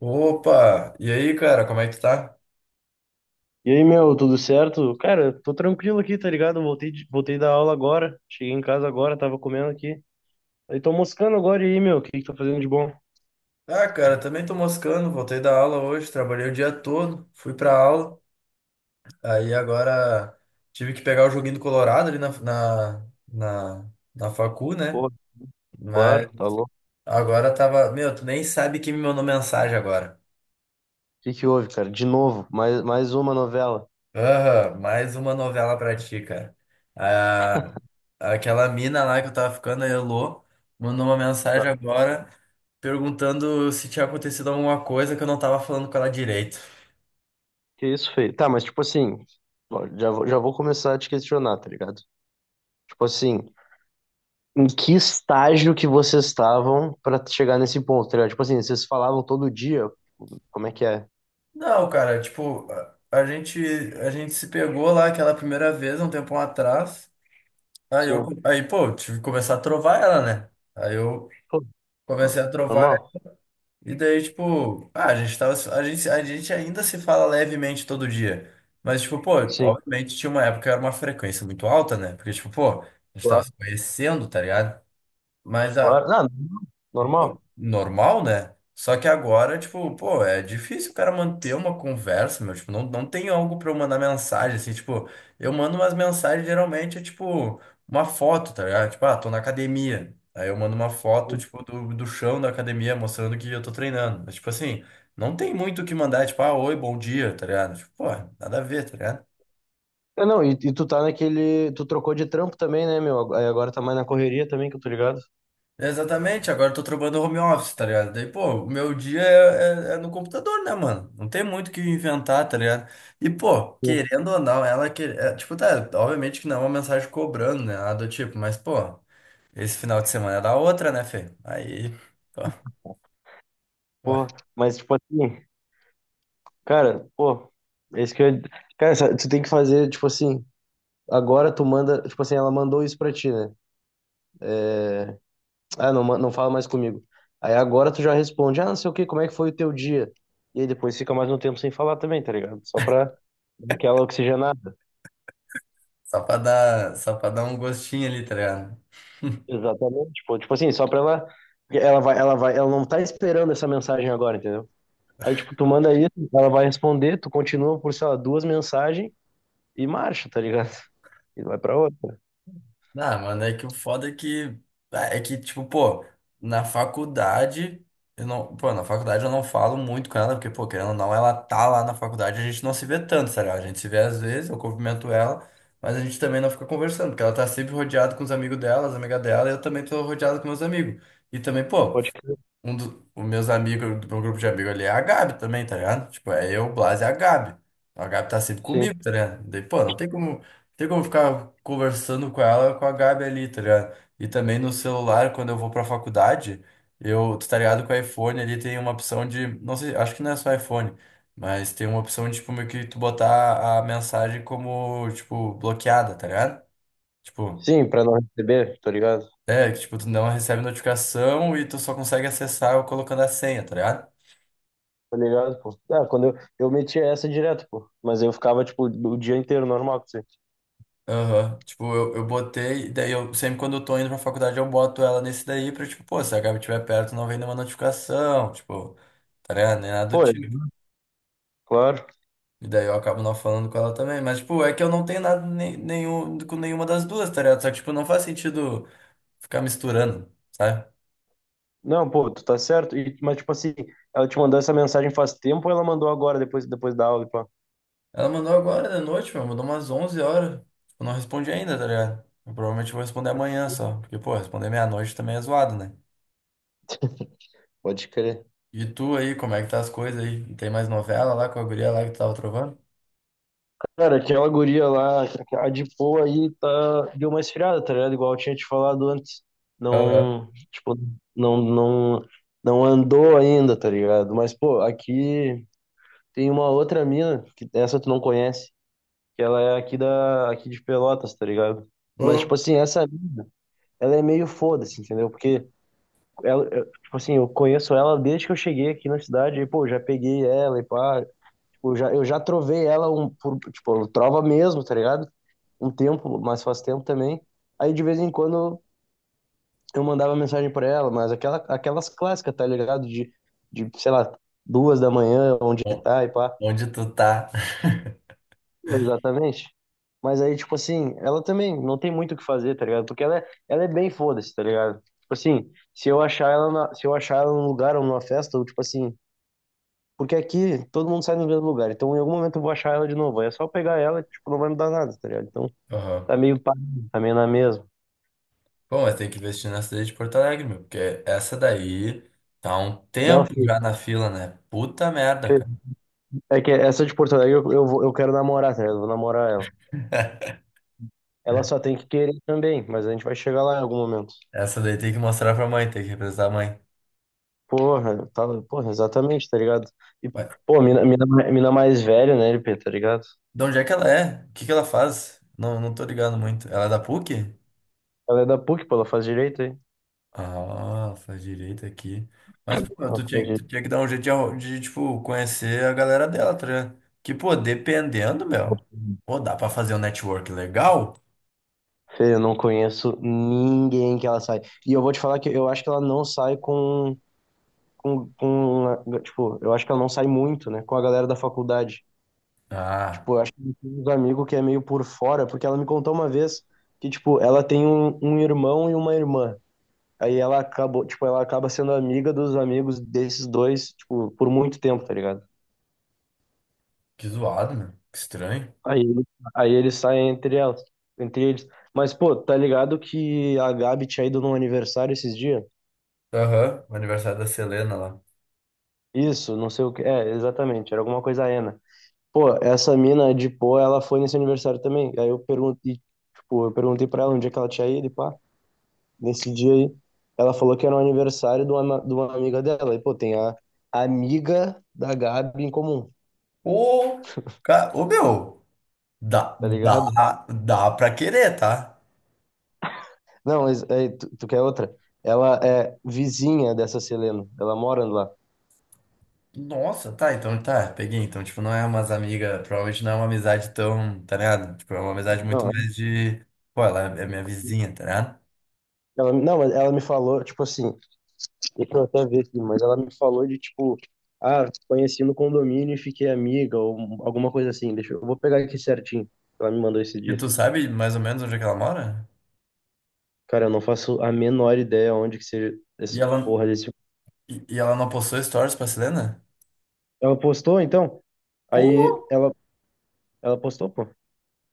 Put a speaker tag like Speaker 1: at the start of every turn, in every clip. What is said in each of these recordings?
Speaker 1: Opa! E aí, cara, como é que tu tá?
Speaker 2: E aí, meu, tudo certo? Cara, tô tranquilo aqui, tá ligado? Voltei da aula agora. Cheguei em casa agora, tava comendo aqui. Aí tô moscando agora e aí, meu, o que que tá fazendo de bom?
Speaker 1: Ah, cara, também tô moscando, voltei da aula hoje, trabalhei o dia todo, fui pra aula, aí agora tive que pegar o joguinho do Colorado ali na facu, né?
Speaker 2: Porra,
Speaker 1: Mas
Speaker 2: claro, tá louco.
Speaker 1: agora tava. Meu, tu nem sabe quem me mandou mensagem agora.
Speaker 2: O que que houve, cara? De novo, mais uma novela.
Speaker 1: Aham, mais uma novela pra ti, cara. Ah, aquela mina lá que eu tava ficando, a Elô, mandou uma
Speaker 2: Tá,
Speaker 1: mensagem agora perguntando se tinha acontecido alguma coisa que eu não tava falando com ela direito.
Speaker 2: que isso, feio? Tá, mas tipo assim, ó, já vou começar a te questionar, tá ligado? Tipo assim, em que estágio que vocês estavam pra chegar nesse ponto, tá ligado? Tipo assim, vocês falavam todo dia, como é que é?
Speaker 1: Não, cara, tipo, a gente, a gente se pegou lá aquela primeira vez, um tempão atrás. Aí eu,
Speaker 2: Sim.
Speaker 1: aí, pô, tive que começar a trovar ela, né? Aí eu
Speaker 2: Pô,
Speaker 1: comecei a trovar ela.
Speaker 2: normal?
Speaker 1: E daí, tipo, ah, a gente tava, a gente ainda se fala levemente todo dia. Mas, tipo, pô,
Speaker 2: Sim.
Speaker 1: obviamente tinha uma época que era uma frequência muito alta, né? Porque, tipo, pô, a gente tava se conhecendo, tá ligado? Mas a,
Speaker 2: Claro. Não, normal.
Speaker 1: normal, né? Só que agora, tipo, pô, é difícil o cara manter uma conversa, meu. Tipo, não tem algo pra eu mandar mensagem, assim. Tipo, eu mando umas mensagens, geralmente é tipo uma foto, tá ligado? Tipo, ah, tô na academia. Aí eu mando uma foto, tipo, do chão da academia, mostrando que eu tô treinando. Mas, tipo assim, não tem muito o que mandar, tipo, ah, oi, bom dia, tá ligado? Tipo, pô, nada a ver, tá ligado?
Speaker 2: Ah, não, e tu tá naquele. Tu trocou de trampo também, né, meu? Aí agora tá mais na correria também, que eu tô ligado.
Speaker 1: Exatamente, agora eu tô trabalhando home office, tá ligado? Daí, pô, o meu dia é, é no computador, né, mano? Não tem muito o que inventar, tá ligado? E, pô,
Speaker 2: Sim.
Speaker 1: querendo ou não, ela que, é, tipo, tá, obviamente que não é uma mensagem cobrando, né? Nada do tipo, mas, pô, esse final de semana era outra, né, Fê? Aí, pô, ué,
Speaker 2: Pô, mas tipo assim, cara, pô, esse que eu. Tu tem que fazer, tipo assim, agora tu manda. Tipo assim, ela mandou isso pra ti, né? Ah, não, não fala mais comigo. Aí agora tu já responde, ah, não sei o quê, como é que foi o teu dia? E aí depois fica mais um tempo sem falar também, tá ligado? Só pra dar aquela oxigenada.
Speaker 1: só pra dar um gostinho ali, tá ligado?
Speaker 2: Exatamente, pô, tipo assim, só pra ela, ela vai, ela não tá esperando essa mensagem agora, entendeu? Aí, tipo, tu manda isso, ela vai responder, tu continua por, sei lá, duas mensagens e marcha, tá ligado? E vai pra outra.
Speaker 1: Ah, mano, é que o foda é que. É que, tipo, pô, na faculdade. Eu não, pô, na faculdade eu não falo muito com ela, porque, pô, querendo ou não, ela tá lá na faculdade, a gente não se vê tanto, sabe? A gente se vê às vezes, eu cumprimento ela, mas a gente também não fica conversando, porque ela tá sempre rodeada com os amigos dela, as amigas dela, e eu também tô rodeado com meus amigos. E também, pô,
Speaker 2: Pode crer.
Speaker 1: um dos meus amigos, do meu grupo de amigos ali é a Gabi também, tá ligado? Tipo, é eu, o Blas e a Gabi. A Gabi tá sempre
Speaker 2: Sim.
Speaker 1: comigo, tá ligado? Daí, pô, não tem como. Tem como ficar conversando com ela, com a Gabi ali, tá ligado? E também no celular, quando eu vou pra faculdade, eu, tu tá ligado, com o iPhone ali tem uma opção de, não sei, acho que não é só iPhone, mas tem uma opção de, tipo, meio que tu botar a mensagem como, tipo, bloqueada, tá ligado? Tipo,
Speaker 2: Sim, pra não receber, tá ligado?
Speaker 1: é, que, tipo, tu não recebe notificação e tu só consegue acessar colocando a senha, tá ligado?
Speaker 2: Tá ligado, pô. Ah, quando eu metia essa direto, pô. Mas eu ficava, tipo, o dia inteiro normal com você.
Speaker 1: Aham. Tipo, eu botei, daí eu sempre quando eu tô indo pra faculdade eu boto ela nesse daí pra, tipo, pô, se a Gabi estiver perto não vem nenhuma notificação, tipo, tá ligado? Nem nada do
Speaker 2: Pô, é,
Speaker 1: tipo.
Speaker 2: claro.
Speaker 1: E daí eu acabo não falando com ela também. Mas, tipo, é que eu não tenho nada nem, nenhum, com nenhuma das duas, tá ligado? Só que, tipo, não faz sentido ficar misturando, sabe?
Speaker 2: Não, pô, tu tá certo. E, mas, tipo assim, ela te mandou essa mensagem faz tempo ou ela mandou agora, depois da aula, pô?
Speaker 1: Ela mandou agora de noite, meu, mandou umas 11 horas. Eu não respondi ainda, tá ligado? Eu provavelmente vou responder amanhã só. Porque, pô, responder meia-noite também é zoado, né?
Speaker 2: Pode crer.
Speaker 1: E tu aí, como é que tá as coisas aí? Tem mais novela lá com a guria lá que tu tava trovando?
Speaker 2: Cara, aquela guria lá, a de pô aí tá, deu uma esfriada, tá ligado? Igual eu tinha te falado antes.
Speaker 1: Aham.
Speaker 2: Não, tipo, não, não, não andou ainda, tá ligado? Mas, pô, aqui tem uma outra mina, que essa tu não conhece, que ela é aqui de Pelotas, tá ligado?
Speaker 1: Hã?
Speaker 2: Mas, tipo assim, essa mina, ela é meio foda-se, entendeu? Porque tipo assim, eu conheço ela desde que eu cheguei aqui na cidade, e, pô, já peguei ela e pá, tipo, já, eu já trovei ela um, por, tipo, trova mesmo, tá ligado? Um tempo, mas faz tempo também. Aí de vez em quando eu mandava mensagem pra ela, mas aquelas clássicas, tá ligado? Sei lá, duas da manhã, onde
Speaker 1: Bom,
Speaker 2: tá e pá.
Speaker 1: onde tu tá?
Speaker 2: Exatamente. Mas aí, tipo assim, ela também não tem muito o que fazer, tá ligado? Porque ela é bem foda-se, tá ligado? Tipo assim, se eu achar ela na- se eu achar ela num lugar ou numa festa, ou tipo assim, porque aqui todo mundo sai no mesmo lugar, então em algum momento eu vou achar ela de novo. Aí é só pegar ela, tipo, não vai mudar nada, tá ligado? Então
Speaker 1: Aham.
Speaker 2: tá meio pá, tá meio na mesma.
Speaker 1: Bom, mas tem que investir na cidade de Porto Alegre, meu, porque essa daí tá há um
Speaker 2: Não,
Speaker 1: tempo
Speaker 2: filho.
Speaker 1: já na fila, né? Puta merda, cara.
Speaker 2: É que essa de Porto Alegre eu quero namorar, tá ligado? Eu vou namorar ela. Ela só tem que querer também, mas a gente vai chegar lá em algum momento.
Speaker 1: Essa daí tem que mostrar pra mãe, tem que representar a mãe.
Speaker 2: Porra, tá, porra, exatamente, tá ligado? E,
Speaker 1: Mas
Speaker 2: pô, mina mais velha, né, LP, tá ligado?
Speaker 1: de onde é que ela é? O que que ela faz? Não, não tô ligado muito. Ela é da PUC?
Speaker 2: Ela é da PUC, pô, ela faz direito aí.
Speaker 1: Ah, faz direito aqui. Mas, pô,
Speaker 2: Ela
Speaker 1: tu
Speaker 2: faz
Speaker 1: tinha, tu
Speaker 2: direito.
Speaker 1: tinha que dar um jeito de, arru- de, tipo, conhecer a galera dela, tá ligado? Que, pô, dependendo, meu. Pô, dá pra fazer um network legal?
Speaker 2: Fê, eu não conheço ninguém que ela sai. E eu vou te falar que eu acho que ela não sai com, com, tipo, eu acho que ela não sai muito, né, com a galera da faculdade.
Speaker 1: Ah,
Speaker 2: Tipo, eu acho que tem uns amigos que é meio por fora, porque ela me contou uma vez que, tipo, ela tem um irmão e uma irmã. Aí ela acabou, tipo, ela acaba sendo amiga dos amigos desses dois, tipo, por muito tempo, tá ligado?
Speaker 1: que zoado, meu. Que estranho.
Speaker 2: Aí, ele- aí eles saem entre elas, entre eles. Mas, pô, tá ligado que a Gabi tinha ido num aniversário esses dias?
Speaker 1: Aham, o aniversário da Selena lá.
Speaker 2: Isso, não sei o que. É, exatamente, era alguma coisa Ana. Pô, essa mina de pô, ela foi nesse aniversário também. Aí eu perguntei, tipo, eu perguntei pra ela onde é que ela tinha ido e pá. Nesse dia aí. Ela falou que era o aniversário de de uma amiga dela. E, pô, tem a amiga da Gabi em comum,
Speaker 1: Ô, ca- ô, meu. Dá,
Speaker 2: tá ligado?
Speaker 1: dá, dá pra querer, tá?
Speaker 2: Não, mas é, tu quer outra? Ela é vizinha dessa Selena. Ela mora lá.
Speaker 1: Nossa, tá, então tá, peguei. Então, tipo, não é umas amigas, provavelmente não é uma amizade tão, tá ligado? Tipo, é uma amizade muito
Speaker 2: Não,
Speaker 1: mais de. Pô, ela é minha vizinha, tá ligado?
Speaker 2: ela, não, mas ela me falou, tipo assim, deixa eu até ver aqui, mas ela me falou de, tipo, ah, conheci no condomínio e fiquei amiga, ou alguma coisa assim. Eu vou pegar aqui certinho. Ela me mandou esse
Speaker 1: E
Speaker 2: dia.
Speaker 1: tu sabe mais ou menos onde é que ela mora?
Speaker 2: Cara, eu não faço a menor ideia onde que seja
Speaker 1: E
Speaker 2: esse
Speaker 1: ela,
Speaker 2: porra desse.
Speaker 1: e ela não postou stories pra Selena?
Speaker 2: Ela postou, então? Aí
Speaker 1: Pô,
Speaker 2: ela postou, pô.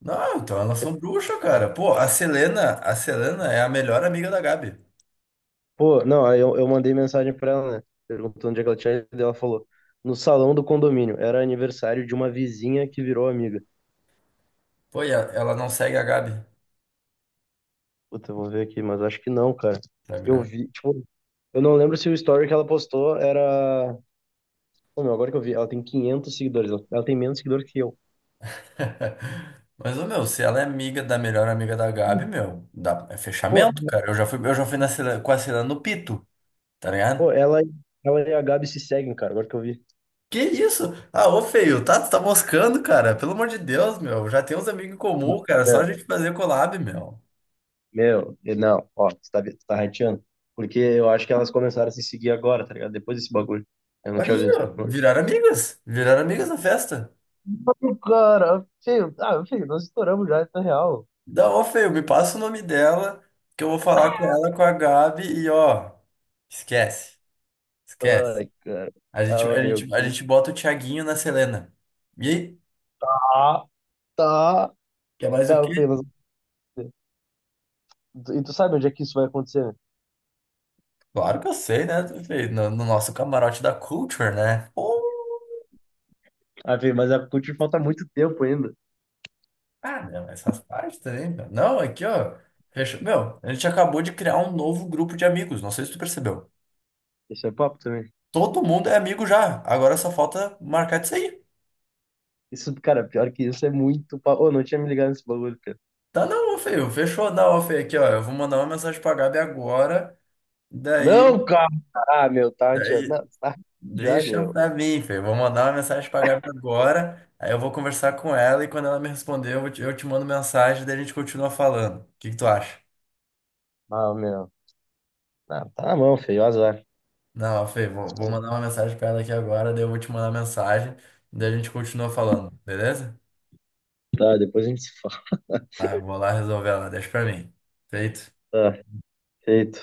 Speaker 1: não, então elas
Speaker 2: Que-
Speaker 1: são bruxas, cara. Pô, a Selena é a melhor amiga da Gabi.
Speaker 2: Pô, não, eu mandei mensagem pra ela, né? Perguntando onde é que ela tinha ido. E ela falou, no salão do condomínio. Era aniversário de uma vizinha que virou amiga.
Speaker 1: Pô, e a- ela não segue a Gabi no
Speaker 2: Puta, eu vou ver aqui, mas acho que não, cara. Eu
Speaker 1: Instagram.
Speaker 2: vi, tipo, eu não lembro se o story que ela postou era. Pô, meu, agora que eu vi, ela tem 500 seguidores. Ela tem menos seguidor que eu.
Speaker 1: Mas, ô, meu, se ela é amiga da melhor amiga da Gabi, meu, dá, é
Speaker 2: Pô,
Speaker 1: fechamento, cara. Eu já fui na Selena, com a Selena no Pito, tá ligado?
Speaker 2: pô, ela, ela e a Gabi se seguem, cara, agora que eu vi.
Speaker 1: Que isso? Ah, ô, feio, tá, tu tá moscando, cara. Pelo amor de Deus, meu. Já tem uns amigos em comum, cara. Só
Speaker 2: É,
Speaker 1: a gente fazer collab, meu.
Speaker 2: meu, não, ó, você tá rateando. Porque eu acho que elas começaram a se seguir agora, tá ligado? Depois desse bagulho. Eu não tinha
Speaker 1: Aí,
Speaker 2: visto.
Speaker 1: ó,
Speaker 2: Mano,
Speaker 1: viraram amigas. Viraram amigas na festa.
Speaker 2: cara, filho, ah, filho, nós estouramos já, isso é real.
Speaker 1: Da ó, feio, me passa o nome dela, que eu vou falar com ela, com a Gabi, e ó, esquece, esquece.
Speaker 2: Ai, cara.
Speaker 1: A gente,
Speaker 2: Ah,
Speaker 1: a
Speaker 2: meu,
Speaker 1: gente, a
Speaker 2: que...
Speaker 1: gente bota o Thiaguinho na Selena. E aí?
Speaker 2: Ah, tá.
Speaker 1: Quer mais o
Speaker 2: Não,
Speaker 1: quê?
Speaker 2: e tu sabe onde é que isso vai acontecer?
Speaker 1: Claro que eu sei, né, feio? No nosso camarote da Culture, né? Pô,
Speaker 2: Ah, filho, mas a CUT falta muito tempo ainda.
Speaker 1: ah, não, essas partes também, meu. Não, aqui, ó. Fechou. Meu, a gente acabou de criar um novo grupo de amigos. Não sei se tu percebeu.
Speaker 2: Isso é papo também.
Speaker 1: Todo mundo é amigo já. Agora só falta marcar de sair.
Speaker 2: Isso, cara, pior que isso é muito papo. Ô, não tinha me ligado nesse bagulho, cara.
Speaker 1: Tá, não feio, fechou da off aqui, ó. Eu vou mandar uma mensagem pra Gabi agora. Daí,
Speaker 2: Não, cara! Ah, meu, tá rateando.
Speaker 1: daí,
Speaker 2: Não, tá rateando já,
Speaker 1: deixa
Speaker 2: meu.
Speaker 1: pra mim, feio. Vou mandar uma mensagem pra Gabi agora. Aí eu vou conversar com ela e quando ela me responder, eu te mando mensagem, daí a gente continua falando. O que que tu acha?
Speaker 2: Ah, meu. Ah, tá na mão, feio, azar.
Speaker 1: Não, feio, vou mandar uma mensagem pra ela aqui agora, daí eu vou te mandar mensagem, daí a gente continua falando, beleza?
Speaker 2: Tá, depois a gente se fala.
Speaker 1: Tá, eu vou lá resolver ela, deixa pra mim. Feito.
Speaker 2: Tá, feito.